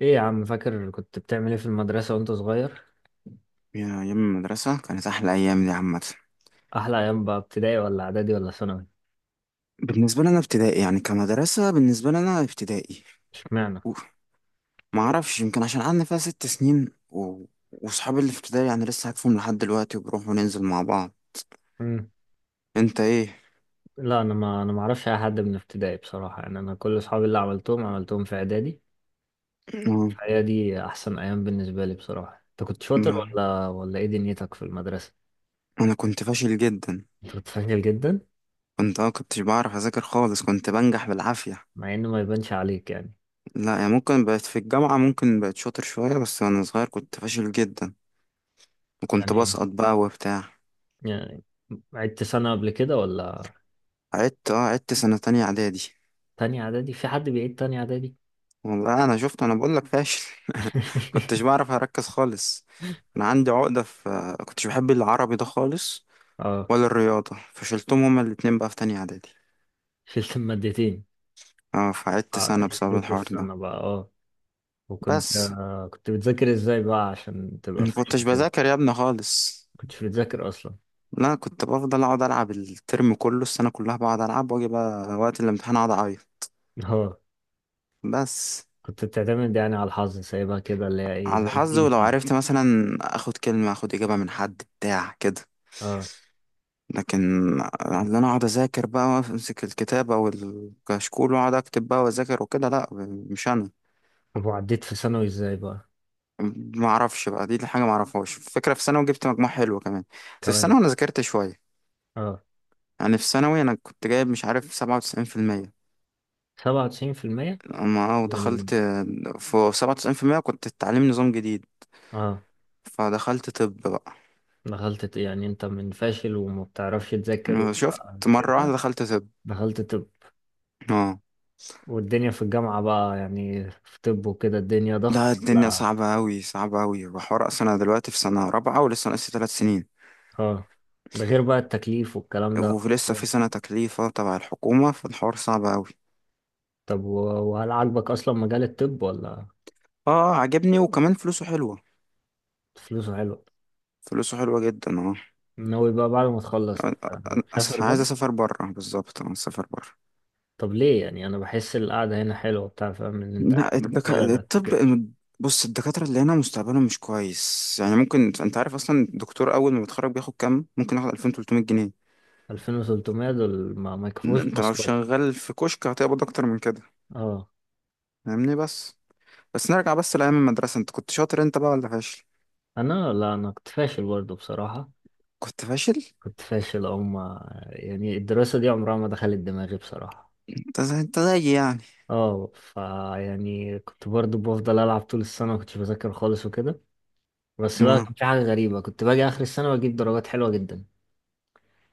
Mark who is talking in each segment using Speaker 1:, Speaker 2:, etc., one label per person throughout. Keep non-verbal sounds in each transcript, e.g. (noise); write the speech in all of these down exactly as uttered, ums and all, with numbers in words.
Speaker 1: ايه يا عم، فاكر كنت بتعمل ايه في المدرسة وانت صغير؟
Speaker 2: يا أيام المدرسة كانت أحلى أيام دي عامة.
Speaker 1: أحلى أيام بقى ابتدائي ولا إعدادي ولا ثانوي؟
Speaker 2: بالنسبة لنا ابتدائي يعني كمدرسة بالنسبة لنا ابتدائي.
Speaker 1: اشمعنى؟
Speaker 2: ما أعرفش يمكن عشان قعدنا فيها ست سنين و... وصحابي اللي في ابتدائي يعني لسه عارفهم لحد دلوقتي وبنروح وننزل مع بعض.
Speaker 1: مم.
Speaker 2: أنت إيه؟
Speaker 1: لا أنا ما أنا ما أعرفش أي حد من ابتدائي بصراحة، يعني أنا كل أصحابي اللي عملتهم عملتهم في إعدادي،
Speaker 2: (laughs) آه.
Speaker 1: فهي دي أحسن أيام بالنسبة لي بصراحة. أنت كنت شاطر
Speaker 2: ما...
Speaker 1: ولا ولا إيه دنيتك في المدرسة؟
Speaker 2: أنا كنت فاشل جدا.
Speaker 1: أنت كنت فاشل جدا؟
Speaker 2: كنت أه كنتش بعرف أذاكر خالص، كنت بنجح بالعافية.
Speaker 1: مع إنه ما يبانش عليك يعني.
Speaker 2: لا يعني ممكن بقت في الجامعة ممكن بقت شاطر شوية، بس وأنا صغير كنت فاشل جدا وكنت
Speaker 1: يعني ايه؟
Speaker 2: بسقط بقى وبتاع.
Speaker 1: يعني عدت سنة قبل كده ولا؟
Speaker 2: عدت أه عدت سنة تانية إعدادي.
Speaker 1: تانية إعدادي؟ في حد بيعيد تانية إعدادي؟
Speaker 2: والله انا شفت انا بقول لك فاشل. (laughs) كنتش
Speaker 1: (laughs)
Speaker 2: بعرف اركز خالص. انا عندي عقدة في كنتش بحب العربي ده خالص
Speaker 1: اه،
Speaker 2: ولا الرياضة، فشلتهم هما الاتنين بقى في تانية اعدادي.
Speaker 1: شلت المادتين.
Speaker 2: اه فقعدت
Speaker 1: اه،
Speaker 2: سنة بسبب
Speaker 1: يدوك
Speaker 2: الحوار ده.
Speaker 1: السنة بقى. اه، وكنت
Speaker 2: بس
Speaker 1: آه، كنت بتذاكر ازاي بقى عشان تبقى
Speaker 2: ما
Speaker 1: فاهم
Speaker 2: كنتش
Speaker 1: كده؟
Speaker 2: بذاكر يا ابني خالص.
Speaker 1: كنتش بتذاكر اصلا؟
Speaker 2: لا كنت بفضل اقعد العب الترم كله السنة كلها بقعد العب واجي بقى وقت الامتحان اقعد اعيط
Speaker 1: (laughs) اه،
Speaker 2: بس.
Speaker 1: كنت بتعتمد يعني على الحظ، سايبها كده اللي هي ايه،
Speaker 2: على
Speaker 1: زي ما
Speaker 2: الحظ
Speaker 1: تيجي
Speaker 2: ولو
Speaker 1: تيجي.
Speaker 2: عرفت مثلا اخد كلمة اخد اجابة من حد بتاع كده.
Speaker 1: اه.
Speaker 2: لكن اللي انا اقعد اذاكر بقى وامسك الكتاب او الكشكول واقعد اكتب بقى واذاكر وكده لا، مش انا.
Speaker 1: طب وعديت في ثانوي ازاي بقى؟
Speaker 2: ما اعرفش بقى دي حاجه ما اعرفهاش فكره، في ثانوي جبت مجموع حلو كمان. بس في
Speaker 1: كمان؟
Speaker 2: ثانوي انا ذاكرت شويه،
Speaker 1: اه،
Speaker 2: يعني في ثانوي انا كنت جايب مش عارف سبعة وتسعين في المية.
Speaker 1: سبعة وتسعين في المية.
Speaker 2: اما
Speaker 1: من.
Speaker 2: ودخلت في سبعة وتسعين في المية، كنت التعليم نظام جديد،
Speaker 1: اه
Speaker 2: فدخلت طب بقى.
Speaker 1: دخلت ت- يعني انت من فاشل وما بتعرفش تذاكر و-
Speaker 2: شفت
Speaker 1: آه،
Speaker 2: مره واحده
Speaker 1: كده؟
Speaker 2: دخلت طب.
Speaker 1: دخلت طب؟
Speaker 2: اه،
Speaker 1: والدنيا في الجامعة بقى يعني في طب وكده، الدنيا ضغط
Speaker 2: ده الدنيا
Speaker 1: لا؟
Speaker 2: صعبة أوي صعبة أوي وحوار، أصلا أنا دلوقتي في سنة رابعة ولسه ناقصي تلات سنين،
Speaker 1: اه. ده غير بقى التكليف والكلام ده.
Speaker 2: ولسه في سنة تكليفة تبع الحكومة فالحوار صعب أوي.
Speaker 1: طب و- وهل عاجبك اصلا مجال الطب ولا؟
Speaker 2: اه عجبني وكمان فلوسه حلوة،
Speaker 1: فلوسه حلوه؟
Speaker 2: فلوسه حلوة جدا اه.
Speaker 1: ناوي بقى بعد ما تخلص آه،
Speaker 2: أنا
Speaker 1: تسافر
Speaker 2: أصلا عايز
Speaker 1: بره؟
Speaker 2: أسافر برا، بالظبط أنا أسافر برا.
Speaker 1: طب ليه؟ يعني انا بحس القعده هنا حلوه بتاع، فاهم؟ ان انت
Speaker 2: لا
Speaker 1: قاعد في
Speaker 2: الدك...
Speaker 1: بلدك
Speaker 2: الطب.
Speaker 1: وكده.
Speaker 2: بص، الدكاترة اللي هنا مستقبلهم مش كويس، يعني ممكن أنت عارف أصلا الدكتور أول ما بيتخرج بياخد كام؟ ممكن ياخد ألفين وتلتمية جنيه.
Speaker 1: الفين وتلتمية جنيه؟ دول ما, ما
Speaker 2: ده
Speaker 1: يكفوش
Speaker 2: أنت لو
Speaker 1: مواصلات.
Speaker 2: شغال في كشك هتقبض أكتر من كده.
Speaker 1: اه.
Speaker 2: فاهمني. بس بس نرجع بس لأيام المدرسة، أنت كنت شاطر أنت بقى ولا فاشل؟
Speaker 1: انا لا، انا كنت فاشل برضه بصراحه.
Speaker 2: كنت فاشل؟
Speaker 1: كنت فاشل، او ما يعني الدراسه دي عمرها ما دخلت دماغي بصراحه.
Speaker 2: أنت زي أنت زيي يعني.
Speaker 1: اه، فيعني كنت برضه بفضل العب طول السنه، ما كنتش بذاكر خالص وكده. بس بقى
Speaker 2: آه.
Speaker 1: كان في حاجه غريبه، كنت باجي اخر السنه واجيب درجات حلوه جدا.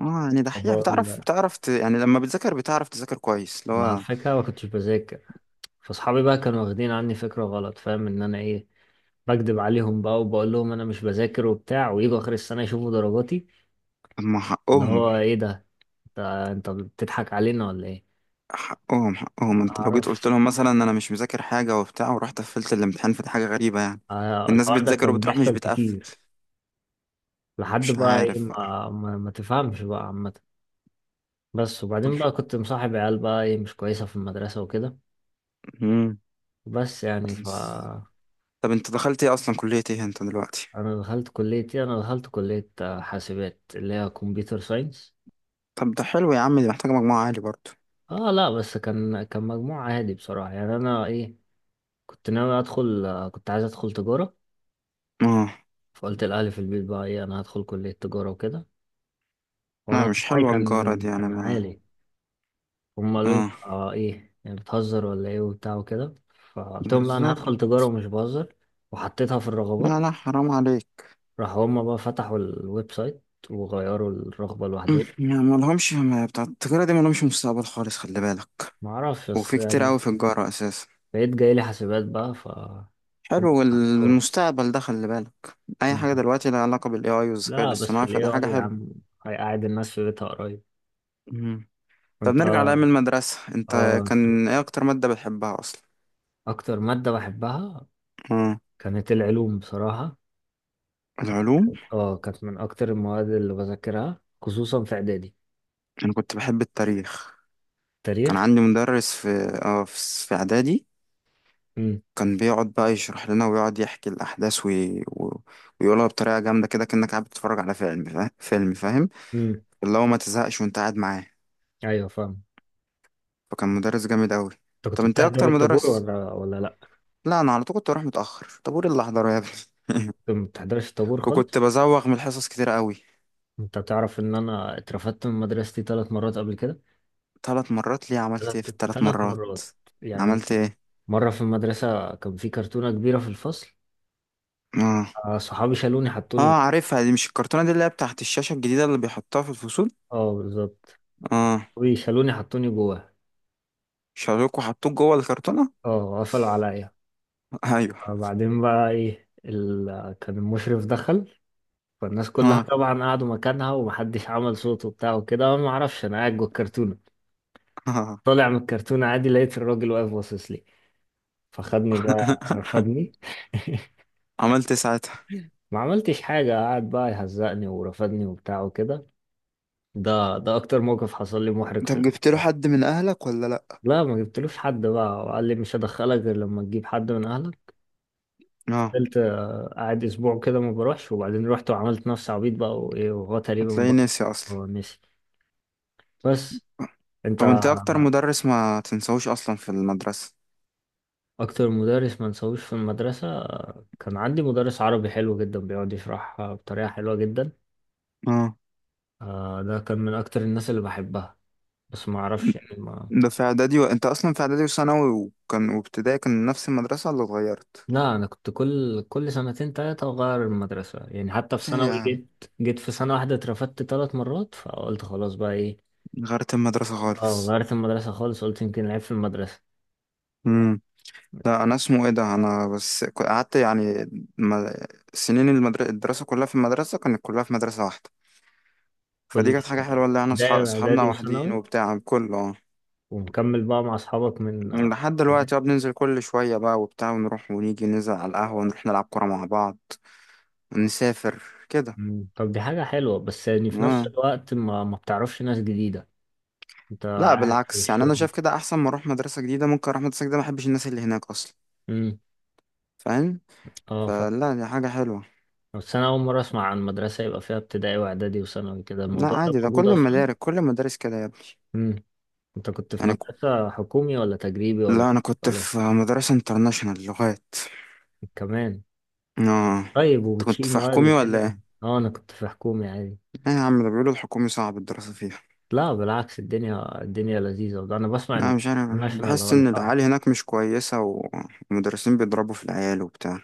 Speaker 2: اه يعني دحيح،
Speaker 1: بقول
Speaker 2: بتعرف
Speaker 1: لك،
Speaker 2: بتعرف ت... يعني لما بتذاكر بتعرف تذاكر كويس اللي
Speaker 1: مع
Speaker 2: هو.
Speaker 1: الفكرة ما كنتش بذاكر، فاصحابي بقى كانوا واخدين عني فكرة غلط، فاهم؟ ان انا ايه، بكدب عليهم بقى وبقول لهم انا مش بذاكر وبتاع، ويجوا اخر السنة يشوفوا درجاتي
Speaker 2: اما
Speaker 1: اللي
Speaker 2: حقهم،
Speaker 1: هو ايه ده، انت انت بتضحك علينا ولا ايه؟
Speaker 2: حقهم
Speaker 1: ما
Speaker 2: حقهم انت لو جيت قلت
Speaker 1: اعرفش.
Speaker 2: لهم مثلا انا مش مذاكر حاجة وبتاع ورحت قفلت الامتحان، فدي حاجة غريبة يعني.
Speaker 1: آه،
Speaker 2: الناس
Speaker 1: الحوار ده
Speaker 2: بتذاكر
Speaker 1: كان
Speaker 2: وبتروح مش
Speaker 1: بيحصل
Speaker 2: بتقفل.
Speaker 1: كتير. لحد
Speaker 2: مش
Speaker 1: بقى ايه،
Speaker 2: عارف بقى.
Speaker 1: ما ما, ما تفهمش بقى عامة. بس
Speaker 2: طب.
Speaker 1: وبعدين بقى كنت مصاحب عيال بقى ايه مش كويسة في المدرسة وكده.
Speaker 2: مم.
Speaker 1: بس يعني ف.
Speaker 2: طب انت دخلت ايه اصلا كلية ايه انت دلوقتي؟
Speaker 1: انا دخلت كلية ايه؟ انا دخلت كلية آه، حاسبات، اللي هي كمبيوتر ساينس.
Speaker 2: طب ده حلو يا عم، دي محتاجة مجموعة عالي برضه.
Speaker 1: اه، لا بس كان كان مجموع عادي بصراحة، يعني انا ايه، كنت ناوي ادخل آه، كنت عايز ادخل تجارة.
Speaker 2: اه
Speaker 1: فقلت لأهلي في البيت بقى ايه، انا هدخل كلية تجارة وكده،
Speaker 2: لا
Speaker 1: وانا
Speaker 2: مش
Speaker 1: مجموعي
Speaker 2: حلوة الجارة
Speaker 1: كان
Speaker 2: دي يعني
Speaker 1: كان
Speaker 2: ما.
Speaker 1: عالي. هم قالوا لي انت
Speaker 2: اه
Speaker 1: آه ايه، يعني بتهزر ولا ايه وبتاع وكده؟ فقلت لهم لا، انا
Speaker 2: بالظبط.
Speaker 1: هدخل تجارة ومش بهزر، وحطيتها في الرغبات.
Speaker 2: لا لا حرام عليك.
Speaker 1: راحوا هم بقى فتحوا الويب سايت وغيروا الرغبة لوحدهم.
Speaker 2: (clears throat) ما ما لهمش، ما بتاع التجارة دي ما لهمش مستقبل خالص خلي بالك.
Speaker 1: معرفش، بس
Speaker 2: وفي كتير
Speaker 1: يعني
Speaker 2: أوي في الجارة أساسا.
Speaker 1: بقيت جاي لي حاسبات بقى ف. هم
Speaker 2: حلو،
Speaker 1: حطوها.
Speaker 2: والمستقبل ده خلي بالك، أي حاجة دلوقتي لها علاقة بال ايه اي والذكاء
Speaker 1: لا بس
Speaker 2: الاصطناعي
Speaker 1: ال
Speaker 2: فده حاجة
Speaker 1: ايه آي يا عم
Speaker 2: حلوة.
Speaker 1: هيقعد الناس في بيتها قريب.
Speaker 2: مم. طب
Speaker 1: كنت.
Speaker 2: نرجع لأيام المدرسة، أنت
Speaker 1: اه،
Speaker 2: كان إيه أكتر مادة بتحبها أصلا؟
Speaker 1: اكتر مادة بحبها
Speaker 2: آه.
Speaker 1: كانت العلوم بصراحة.
Speaker 2: العلوم.
Speaker 1: اه، كانت من اكتر المواد اللي بذاكرها، خصوصا في اعدادي.
Speaker 2: أنا كنت بحب التاريخ، كان
Speaker 1: تاريخ.
Speaker 2: عندي مدرس في آه في في إعدادي.
Speaker 1: امم.
Speaker 2: كان بيقعد بقى يشرح لنا ويقعد يحكي الأحداث وي... و... ويقولها بطريقة جامدة كده، كأنك قاعد بتتفرج على فيلم فا... فيلم فاهم.
Speaker 1: امم.
Speaker 2: اللي هو ما تزهقش وأنت قاعد معاه،
Speaker 1: ايوه، فاهم.
Speaker 2: فكان مدرس جامد أوي.
Speaker 1: انت
Speaker 2: طب
Speaker 1: كنت
Speaker 2: أنت إيه
Speaker 1: بتحضر
Speaker 2: أكتر
Speaker 1: الطابور
Speaker 2: مدرس؟
Speaker 1: ولا ولا لا؟
Speaker 2: لا انا على طول كنت اروح متاخر، طابور اللي احضره يا ابني.
Speaker 1: انت
Speaker 2: (laughs)
Speaker 1: ما بتحضرش الطابور
Speaker 2: وكنت
Speaker 1: خالص؟
Speaker 2: بزوغ من الحصص كتير قوي.
Speaker 1: انت تعرف ان انا اترفدت من مدرستي ثلاث مرات قبل كده؟
Speaker 2: ثلاث مرات ليه؟ عملت
Speaker 1: ثلاث
Speaker 2: ايه في الثلاث
Speaker 1: ثلاث
Speaker 2: مرات؟
Speaker 1: مرات، يعني
Speaker 2: عملت ايه؟
Speaker 1: مرة في المدرسة كان في كرتونة كبيرة في الفصل.
Speaker 2: اه.
Speaker 1: آه، صحابي شالوني حطوني.
Speaker 2: اه عارفها دي، مش الكرتونه دي اللي هي بتاعت الشاشه الجديده اللي بيحطوها في الفصول؟
Speaker 1: اه بالظبط.
Speaker 2: اه.
Speaker 1: ويخلوني حطوني جواه.
Speaker 2: شالوك وحطوك جوه الكرتونه؟
Speaker 1: اه، قفلوا عليا.
Speaker 2: (laughs) ايوه.
Speaker 1: فبعدين بقى ايه ال... كان المشرف دخل، فالناس كلها
Speaker 2: اه.
Speaker 1: طبعا قعدوا مكانها ومحدش عمل صوت وبتاع وكده، انا ما اعرفش، انا قاعد جوه الكرتونه.
Speaker 2: اه.
Speaker 1: طالع من الكرتونه عادي، لقيت الراجل واقف باصص لي، فخدني بقى
Speaker 2: (laughs)
Speaker 1: رفدني. (laughs)
Speaker 2: عملت إيه ساعتها؟
Speaker 1: ما عملتش حاجه، قعد بقى يهزقني ورفدني وبتاع وكده. ده ده اكتر موقف حصل لي محرج في
Speaker 2: طب
Speaker 1: ال...
Speaker 2: جبت له حد من اهلك ولا لا؟
Speaker 1: لا، ما جبتلوش حد بقى، وقال لي مش هدخلك غير لما تجيب حد من اهلك.
Speaker 2: اه.
Speaker 1: فضلت آه، قاعد اسبوع كده ما بروحش، وبعدين رحت وعملت نفسي عبيط بقى وايه، وهو تقريبا
Speaker 2: هتلاقيه ناسي
Speaker 1: برضه
Speaker 2: اصلا.
Speaker 1: هو نسي. بس انت
Speaker 2: طب انت اكتر مدرس ما تنساهوش اصلا في المدرسه؟
Speaker 1: اكتر مدرس ما نسويش في المدرسة آه، كان عندي مدرس عربي حلو جدا، بيقعد يشرح آه، بطريقة حلوة جدا.
Speaker 2: اه.
Speaker 1: آه، ده كان من اكتر الناس اللي بحبها. بس ما اعرفش يعني ما.
Speaker 2: ده في اعدادي و... انت اصلا في اعدادي وثانوي، وكان وابتدائي كان نفس المدرسة ولا اتغيرت؟
Speaker 1: لا، انا كنت كل كل سنتين تلاتة اغير المدرسة، يعني حتى في
Speaker 2: ايه يا
Speaker 1: ثانوي
Speaker 2: عم،
Speaker 1: جيت جيت في سنة واحدة اترفدت ثلاث مرات، فقلت خلاص بقى ايه.
Speaker 2: غيرت المدرسة
Speaker 1: اه،
Speaker 2: خالص.
Speaker 1: غيرت المدرسة خالص، قلت يمكن العيب في المدرسة.
Speaker 2: امم. لا انا اسمه ايه ده، انا بس ك- قعدت يعني ما... سنين المدر... الدراسة كلها في المدرسة كانت كلها في مدرسة واحدة. فدي
Speaker 1: كل
Speaker 2: كانت حاجة حلوة، اللي احنا
Speaker 1: ابتدائي
Speaker 2: صحاب... صحابنا
Speaker 1: واعدادي
Speaker 2: واحدين
Speaker 1: وثانوي،
Speaker 2: وبتاع كله اه.
Speaker 1: ومكمل بقى مع اصحابك من آه،
Speaker 2: لحد
Speaker 1: ابتدائي.
Speaker 2: دلوقتي بقى بننزل كل شوية بقى وبتاع ونروح ونيجي ننزل على القهوة، نروح نلعب كورة مع بعض ونسافر كده.
Speaker 1: مم. طب دي حاجة حلوة، بس يعني في نفس
Speaker 2: اه
Speaker 1: الوقت ما, ما بتعرفش ناس جديدة. انت
Speaker 2: لا
Speaker 1: قاعد في
Speaker 2: بالعكس، يعني انا
Speaker 1: الشغل.
Speaker 2: شايف كده احسن، ما اروح مدرسه جديده ممكن اروح مدرسه جديده ما احبش الناس اللي هناك اصلا،
Speaker 1: امم.
Speaker 2: فاهم؟
Speaker 1: اه فاهم.
Speaker 2: فلا دي حاجه حلوه.
Speaker 1: بس انا اول مرة اسمع عن مدرسة يبقى فيها ابتدائي واعدادي وثانوي كده،
Speaker 2: لا
Speaker 1: الموضوع ده
Speaker 2: عادي، ده
Speaker 1: موجود
Speaker 2: كل
Speaker 1: اصلا؟
Speaker 2: المدارس كل المدارس كده يا ابني.
Speaker 1: امم. انت كنت في
Speaker 2: يعني ك-
Speaker 1: مدرسة حكومي ولا تجريبي ولا
Speaker 2: لا انا كنت
Speaker 1: ولا إيه؟
Speaker 2: في مدرسه انترناشونال لغات.
Speaker 1: كمان؟
Speaker 2: اه،
Speaker 1: طيب
Speaker 2: انت كنت
Speaker 1: وبتشيل
Speaker 2: في
Speaker 1: مواد
Speaker 2: حكومي ولا
Speaker 1: وكده؟
Speaker 2: ايه؟
Speaker 1: اه، انا كنت في حكومي عادي.
Speaker 2: ايه يا عم، ده بيقولوا الحكومي صعب الدراسه فيها.
Speaker 1: لا بالعكس، الدنيا الدنيا لذيذة، وده انا بسمع ان
Speaker 2: لا مش عارف،
Speaker 1: الناشونال هو
Speaker 2: بحس
Speaker 1: اللي
Speaker 2: ان
Speaker 1: فعلا.
Speaker 2: العيال هناك مش كويسه و- والمدرسين بيضربوا في العيال وبتاع.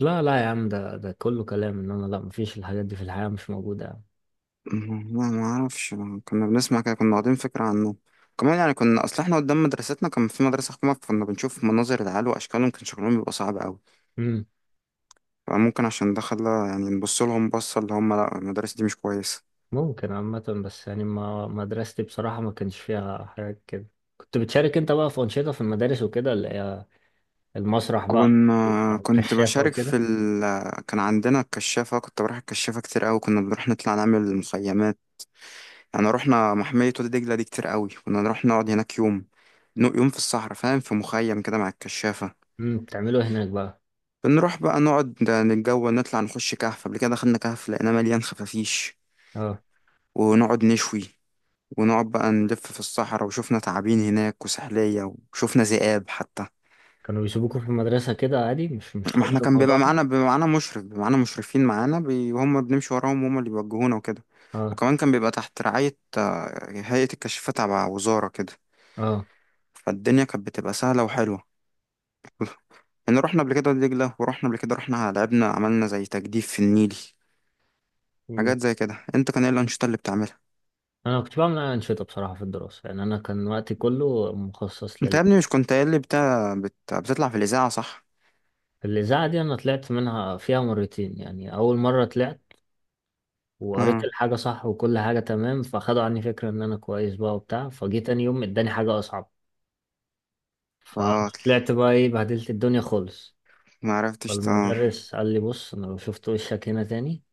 Speaker 1: لا لا يا عم، ده ده كله كلام، ان انا لا مفيش الحاجات دي في الحياة، مش موجودة يعني.
Speaker 2: مم، لا ما اعرفش، ما كنا بنسمع كده، كنا واخدين فكرة عنه. كمان يعني كنا، اصل احنا قدام مدرستنا كان في مدرسة حكومة، كنا بنشوف مناظر العيال واشكالهم كان شكلهم بيبقى صعب قوي.
Speaker 1: امم.
Speaker 2: فممكن عشان ده خلى يعني نبص لهم بصة اللي هم لا المدرسة دي مش كويسة.
Speaker 1: ممكن عامة، بس يعني ما مدرستي بصراحة ما كانش فيها حاجات كده. كنت بتشارك انت بقى في أنشطة في المدارس وكده اللي هي المسرح بقى،
Speaker 2: كنا كنت
Speaker 1: الكشافة
Speaker 2: بشارك في
Speaker 1: وكده؟
Speaker 2: ال... كان عندنا الكشافة، كنت بروح الكشافة كتير قوي، كنا بنروح نطلع نعمل مخيمات. يعني رحنا محمية وادي دجلة دي كتير قوي، كنا نروح نقعد هناك يوم، نو- يوم في الصحراء فاهم، في مخيم كده مع الكشافة.
Speaker 1: امم. بتعملوا إيه هناك بقى؟
Speaker 2: بنروح بقى نقعد نتجول، نطلع نخش كهف، قبل كده دخلنا كهف لقيناه مليان خفافيش
Speaker 1: اه.
Speaker 2: ونقعد نشوي، ونقعد بقى نلف في الصحراء وشوفنا تعابين هناك وسحلية وشوفنا ذئاب حتى.
Speaker 1: كانوا بيسيبوكم في المدرسة كده عادي، مش مش
Speaker 2: ما احنا
Speaker 1: خاطر
Speaker 2: كان بيبقى
Speaker 1: الموضوع ده؟
Speaker 2: معانا بيبقى معانا مشرف بيبقى معانا مشرفين معانا بي... وهم بنمشي وراهم وهم اللي بيوجهونا وكده.
Speaker 1: اه.
Speaker 2: وكمان كان بيبقى تحت رعاية آه، هيئة الكشافات تبع وزارة كده.
Speaker 1: اه.
Speaker 2: فالدنيا كانت بتبقى سهلة وحلوة. (laughs) يعني رحنا قبل كده دجلة، ورحنا قبل كده رحنا لعبنا عملنا زي تجديف في النيل،
Speaker 1: مم.
Speaker 2: حاجات زي كده. انت كان ايه الأنشطة اللي بتعملها؟
Speaker 1: انا كنت بعمل أنشطة بصراحة في الدراسة، يعني انا كان وقتي كله مخصص
Speaker 2: انت
Speaker 1: لل.
Speaker 2: يا ابني مش كنت قايل لي بتاع بت... بتطلع في الإذاعة صح؟
Speaker 1: الإذاعة دي أنا طلعت منها فيها مرتين، يعني أول مرة طلعت وقريت
Speaker 2: اه.
Speaker 1: الحاجة صح وكل حاجة تمام، فخدوا عني فكرة إن أنا كويس بقى وبتاع، فجيت تاني يوم إداني حاجة أصعب،
Speaker 2: اه.
Speaker 1: فطلعت بقى إيه بهدلت الدنيا خالص.
Speaker 2: ما عرفتش ت...
Speaker 1: فالمدرس قال لي بص، أنا لو شفت وشك هنا تاني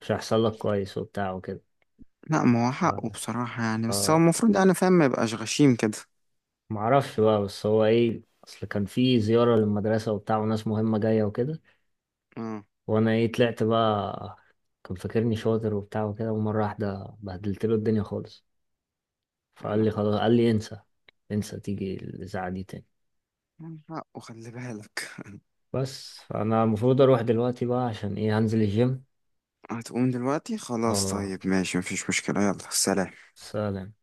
Speaker 1: مش هيحصل لك كويس وبتاع وكده.
Speaker 2: لا ما هو حقه
Speaker 1: ف-
Speaker 2: بصراحة يعني، بس هو
Speaker 1: ف-
Speaker 2: المفروض يعني فاهم ما يبقاش غشيم كده.
Speaker 1: معرفش بقى، بس هو إيه، أصل كان في زيارة للمدرسة وبتاع وناس مهمة جاية وكده،
Speaker 2: اه.
Speaker 1: وأنا إيه طلعت بقى كان فاكرني شاطر وبتاع وكده، ومرة واحدة بهدلت له الدنيا خالص، فقال
Speaker 2: يلا،
Speaker 1: لي خلاص، قال لي انسى انسى تيجي الإذاعة دي تاني.
Speaker 2: حقه خلي بالك.
Speaker 1: بس انا المفروض اروح دلوقتي بقى عشان ايه هنزل الجيم.
Speaker 2: هتقوم دلوقتي خلاص؟
Speaker 1: اه،
Speaker 2: طيب ماشي مفيش مشكلة يلا سلام.
Speaker 1: سلام.